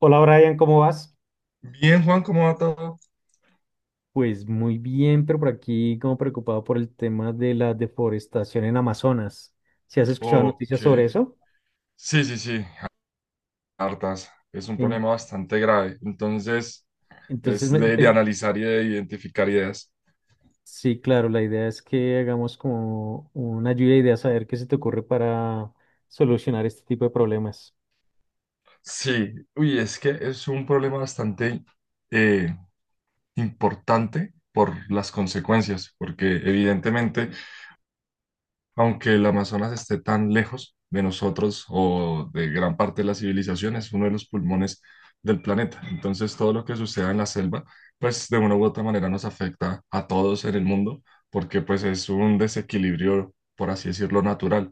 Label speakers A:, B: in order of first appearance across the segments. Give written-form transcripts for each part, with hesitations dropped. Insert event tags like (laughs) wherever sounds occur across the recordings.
A: Hola Brian, ¿cómo vas?
B: Bien, Juan, ¿cómo va todo?
A: Pues muy bien, pero por aquí como preocupado por el tema de la deforestación en Amazonas. ¿Si has escuchado
B: Ok.
A: noticias sobre eso?
B: Sí, sí, sí, hartas. Es un
A: En-
B: problema bastante grave. Entonces,
A: entonces,
B: es
A: me-
B: de
A: te-
B: analizar y de identificar ideas.
A: sí, claro, la idea es que hagamos como una lluvia de ideas a ver qué se te ocurre para solucionar este tipo de problemas.
B: Sí, uy, es que es un problema bastante eh, importante por las consecuencias, porque evidentemente aunque el Amazonas esté tan lejos de nosotros o de gran parte de la civilización, es uno de los pulmones del planeta. Entonces, todo lo que suceda en la selva, pues de una u otra manera nos afecta a todos en el mundo, porque pues es un desequilibrio, por así decirlo, natural.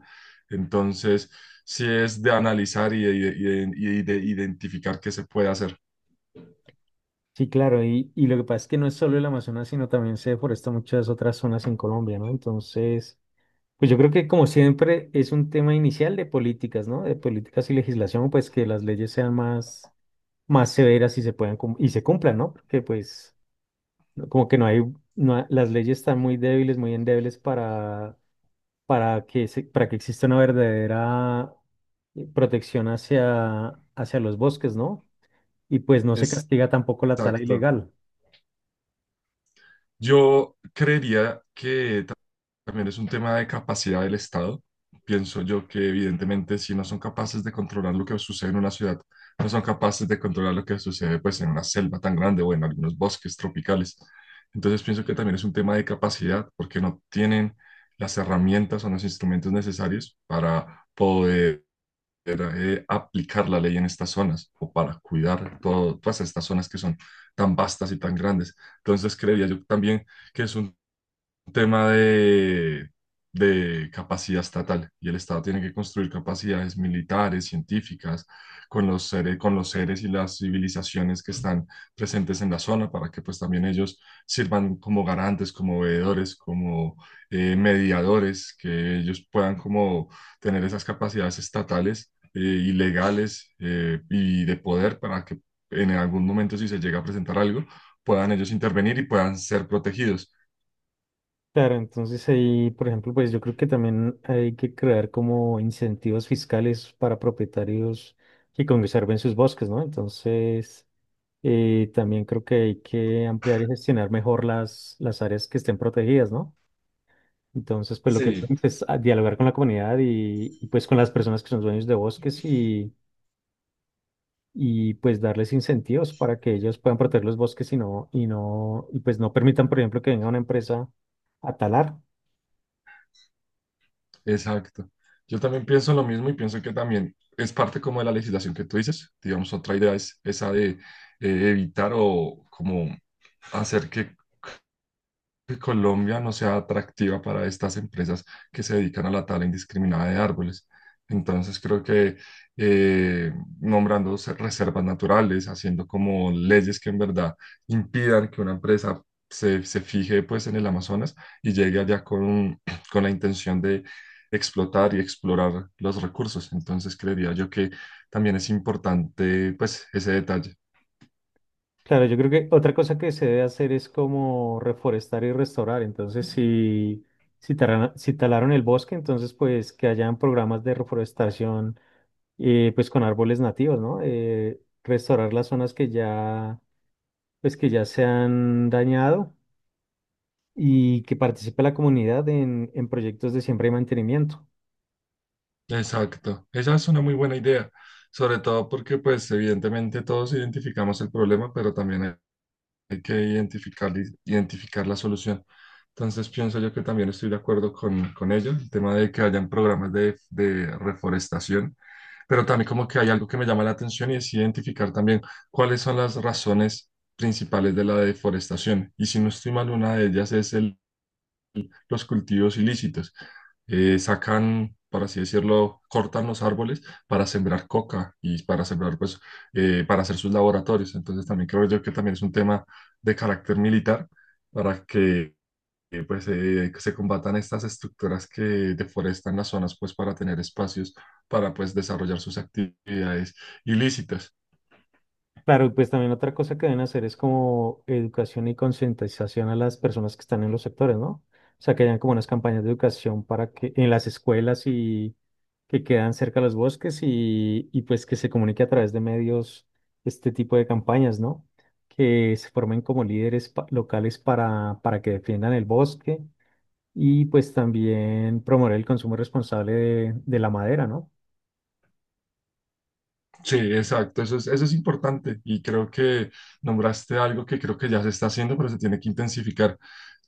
B: Entonces, sí es de analizar y de identificar qué se puede hacer.
A: Sí, claro, y lo que pasa es que no es solo el Amazonas, sino también se deforesta muchas otras zonas en Colombia, ¿no? Entonces, pues yo creo que como siempre es un tema inicial de políticas, ¿no? De políticas y legislación, pues que las leyes sean más, más severas y y se cumplan, ¿no? Porque pues como que no hay, no ha- las leyes están muy débiles, muy endebles para, para que exista una verdadera protección hacia, hacia los bosques, ¿no? Y pues no se
B: Exacto.
A: castiga tampoco la tala ilegal.
B: Yo creería que también es un tema de capacidad del Estado. Pienso yo que evidentemente si no son capaces de controlar lo que sucede en una ciudad, no son capaces de controlar lo que sucede pues en una selva tan grande o en algunos bosques tropicales. Entonces pienso que también es un tema de capacidad porque no tienen las herramientas o los instrumentos necesarios para poder aplicar la ley en estas zonas o para cuidar todas estas zonas que son tan vastas y tan grandes. Entonces creería yo también que es un tema de capacidad estatal y el Estado tiene que construir capacidades militares, científicas, con los seres y las civilizaciones que están presentes en la zona para que pues también ellos sirvan como garantes, como veedores, como mediadores, que ellos puedan como tener esas capacidades estatales y legales y de poder para que en algún momento si se llega a presentar algo, puedan ellos intervenir y puedan ser protegidos.
A: Claro, entonces ahí, por ejemplo, pues yo creo que también hay que crear como incentivos fiscales para propietarios que conserven sus bosques, ¿no? Entonces, también creo que hay que ampliar y gestionar mejor las áreas que estén protegidas, ¿no? Entonces, pues lo que
B: Sí,
A: podemos es dialogar con la comunidad pues con las personas que son dueños de bosques y pues darles incentivos para que ellos puedan proteger los bosques y pues no permitan, por ejemplo, que venga una empresa a talar.
B: exacto. Yo también pienso lo mismo y pienso que también es parte como de la legislación que tú dices. Digamos, otra idea es esa de evitar o como hacer que Colombia no sea atractiva para estas empresas que se dedican a la tala indiscriminada de árboles. Entonces creo que eh, nombrando reservas naturales, haciendo como leyes que en verdad impidan que una empresa se fije pues en el Amazonas y llegue allá con, (clears throat) con la intención de explotar y explorar los recursos. Entonces creería yo que también es importante pues ese detalle.
A: Claro, yo creo que otra cosa que se debe hacer es como reforestar y restaurar. Entonces, si talaron el bosque, entonces pues que hayan programas de reforestación pues con árboles nativos, ¿no? Restaurar las zonas que ya pues que ya se han dañado y que participe la comunidad en proyectos de siembra y mantenimiento.
B: Exacto, esa es una muy buena idea, sobre todo porque pues evidentemente todos identificamos el problema, pero también hay que identificar la solución. Entonces pienso yo que también estoy de acuerdo con ello, el tema de que hayan programas de reforestación, pero también como que hay algo que me llama la atención y es identificar también cuáles son las razones principales de la deforestación. Y si no estoy mal, una de ellas es el los cultivos ilícitos. Sacan, por así decirlo, cortan los árboles para sembrar coca y para sembrar, pues, para hacer sus laboratorios. Entonces también creo yo que también es un tema de carácter militar para que, que se combatan estas estructuras que deforestan las zonas, pues, para tener espacios para, pues, desarrollar sus actividades ilícitas.
A: Claro, y pues también otra cosa que deben hacer es como educación y concientización a las personas que están en los sectores, ¿no? O sea, que hayan como unas campañas de educación para que en las escuelas y que quedan cerca de los bosques y pues que se comunique a través de medios este tipo de campañas, ¿no? Que se formen como locales para que defiendan el bosque y pues también promover el consumo responsable de la madera, ¿no?
B: Sí, exacto, eso es importante y creo que nombraste algo que creo que ya se está haciendo, pero se tiene que intensificar.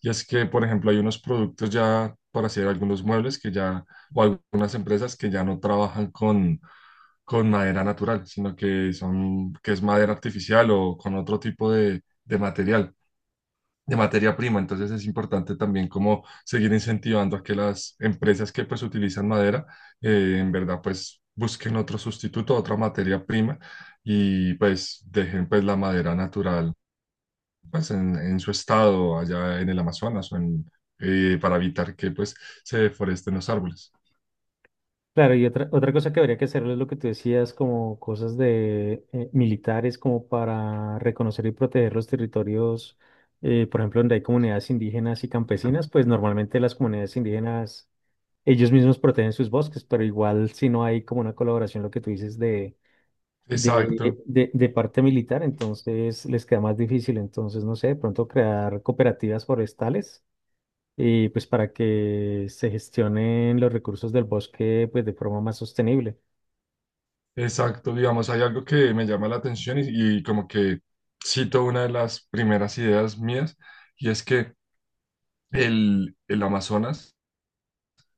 B: Y es que, por ejemplo, hay unos productos ya para hacer algunos muebles que ya, o algunas empresas que ya no trabajan con madera natural, sino que son, que es madera artificial o con otro tipo de material de materia prima. Entonces es importante también como seguir incentivando a que las empresas que pues utilizan madera, en verdad pues busquen otro sustituto, otra materia prima y pues dejen pues la madera natural pues en su estado allá en el Amazonas o en, para evitar que pues se deforesten los árboles.
A: Claro, y otra, otra cosa que habría que hacer es lo que tú decías, como cosas de militares, como para reconocer y proteger los territorios, por ejemplo, donde hay comunidades indígenas y campesinas, pues normalmente las comunidades indígenas, ellos mismos protegen sus bosques, pero igual si no hay como una colaboración, lo que tú dices
B: Exacto,
A: de parte militar, entonces les queda más difícil. Entonces, no sé, de pronto crear cooperativas forestales y pues para que se gestionen los recursos del bosque pues de forma más sostenible.
B: exacto. Digamos, hay algo que me llama la atención y como que cito una de las primeras ideas mías y es que el Amazonas,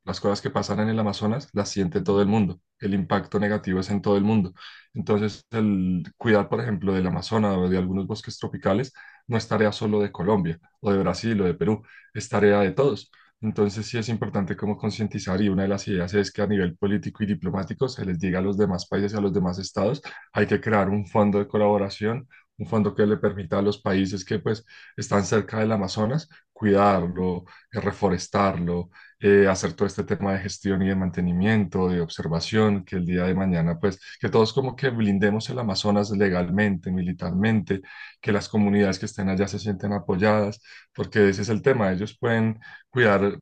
B: las cosas que pasan en el Amazonas las siente todo el mundo. El impacto negativo es en todo el mundo. Entonces, el cuidar, por ejemplo, del Amazonas o de algunos bosques tropicales no es tarea solo de Colombia o de Brasil o de Perú, es tarea de todos. Entonces, sí es importante como concientizar y una de las ideas es que a nivel político y diplomático se les diga a los demás países y a los demás estados, hay que crear un fondo de colaboración, un fondo que le permita a los países que pues están cerca del Amazonas cuidarlo, reforestarlo, hacer todo este tema de gestión y de mantenimiento, de observación, que el día de mañana, pues, que todos como que blindemos el Amazonas legalmente, militarmente, que las comunidades que estén allá se sienten apoyadas, porque ese es el tema, ellos pueden cuidar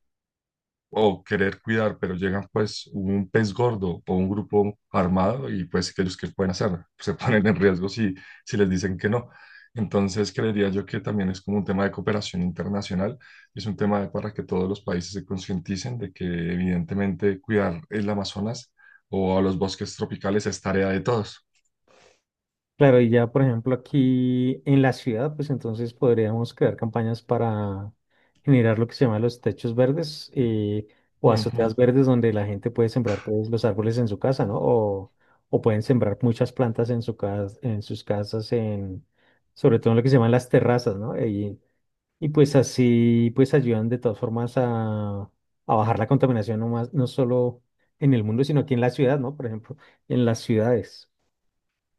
B: o querer cuidar, pero llegan pues un pez gordo o un grupo armado y pues ellos que pueden hacer, (laughs) se ponen en riesgo si, si les dicen que no. Entonces creería yo que también es como un tema de cooperación internacional, es un tema de para que todos los países se concienticen de que evidentemente cuidar el Amazonas o a los bosques tropicales es tarea de todos.
A: Claro, y ya por ejemplo aquí en la ciudad, pues entonces podríamos crear campañas para generar lo que se llama los techos verdes o azoteas verdes donde la gente puede sembrar pues, los árboles en su casa, ¿no? O pueden sembrar muchas plantas en en sus casas, en, sobre todo en lo que se llaman las terrazas, ¿no? Y pues así pues ayudan de todas formas a bajar la contaminación no más, no solo en el mundo, sino aquí en la ciudad, ¿no? Por ejemplo, en las ciudades.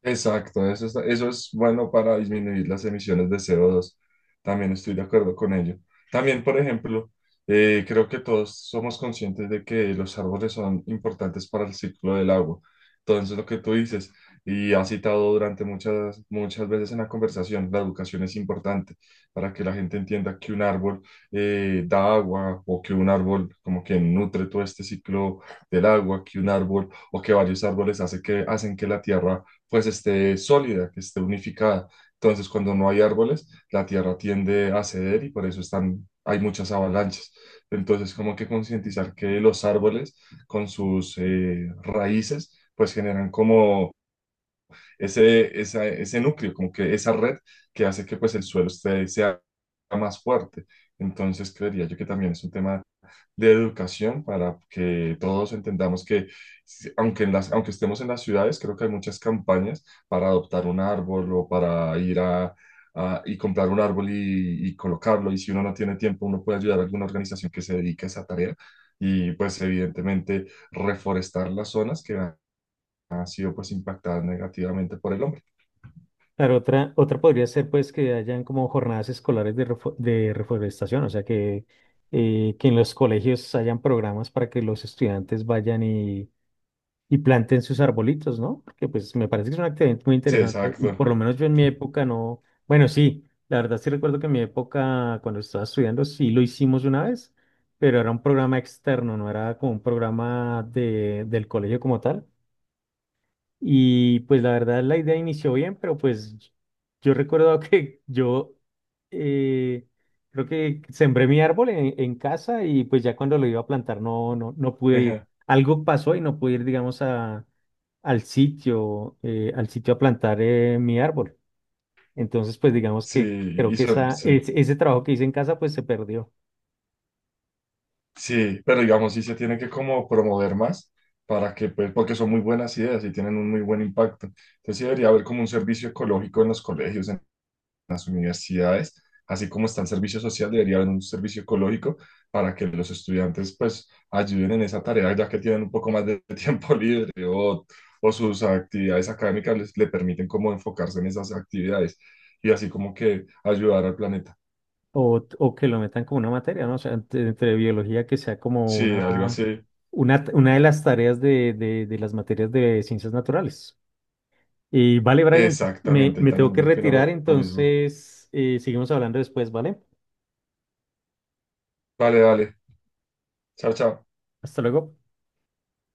B: Exacto, eso es bueno para disminuir las emisiones de CO2. También estoy de acuerdo con ello. También, por ejemplo, creo que todos somos conscientes de que los árboles son importantes para el ciclo del agua. Entonces, lo que tú dices, y has citado durante muchas veces en la conversación, la educación es importante para que la gente entienda que un árbol da agua o que un árbol como que nutre todo este ciclo del agua, que un árbol o que varios árboles hacen que la tierra pues esté sólida, que esté unificada. Entonces, cuando no hay árboles, la tierra tiende a ceder y por eso hay muchas avalanchas. Entonces, como que concientizar que los árboles con sus raíces, pues generan como ese núcleo, como que esa red que hace que pues el suelo sea más fuerte. Entonces, creería yo que también es un tema de educación para que todos entendamos que, aunque, aunque estemos en las ciudades, creo que hay muchas campañas para adoptar un árbol o para ir y comprar un árbol y colocarlo. Y si uno no tiene tiempo, uno puede ayudar a alguna organización que se dedique a esa tarea. Y pues evidentemente reforestar las zonas que han sido pues impactadas negativamente por el hombre.
A: Claro, otra, otra podría ser pues que hayan como jornadas escolares de, de reforestación, o sea que en los colegios hayan programas para que los estudiantes vayan y planten sus arbolitos, ¿no? Porque pues me parece que es una actividad muy
B: Sí,
A: interesante y
B: exacto.
A: por lo menos yo en mi época no, bueno, sí, la verdad sí recuerdo que en mi época cuando estaba estudiando sí lo hicimos una vez, pero era un programa externo, no era como un programa de, del colegio como tal. Y pues la verdad la idea inició bien, pero pues yo recuerdo (laughs) que yo eh, creo que sembré mi árbol en casa y pues ya cuando lo iba a plantar no pude ir.
B: Ejá.
A: Algo pasó y no pude ir, digamos, a, al sitio a plantar mi árbol. Entonces, pues digamos
B: Sí,
A: que creo que
B: sí.
A: ese trabajo que hice en casa pues se perdió.
B: Sí, pero digamos, sí se tiene que como promover más para que, pues, porque son muy buenas ideas y tienen un muy buen impacto. Entonces sí debería haber como un servicio ecológico en los colegios, en las universidades, así como está el servicio social, debería haber un servicio ecológico para que los estudiantes, pues, ayuden en esa tarea, ya que tienen un poco más de (laughs) tiempo libre o sus actividades académicas le permiten como enfocarse en esas actividades y así como que ayudar al planeta.
A: O que lo metan como una materia, ¿no? O sea, entre biología que sea como
B: Sí,
A: una...
B: algo así.
A: Una de las tareas de las materias de ciencias naturales. Y vale, Brian,
B: Exactamente, él
A: me tengo
B: también
A: que
B: opina
A: retirar,
B: lo mismo.
A: entonces seguimos hablando después, ¿vale?
B: Vale, vale. Chao, chao.
A: Hasta luego.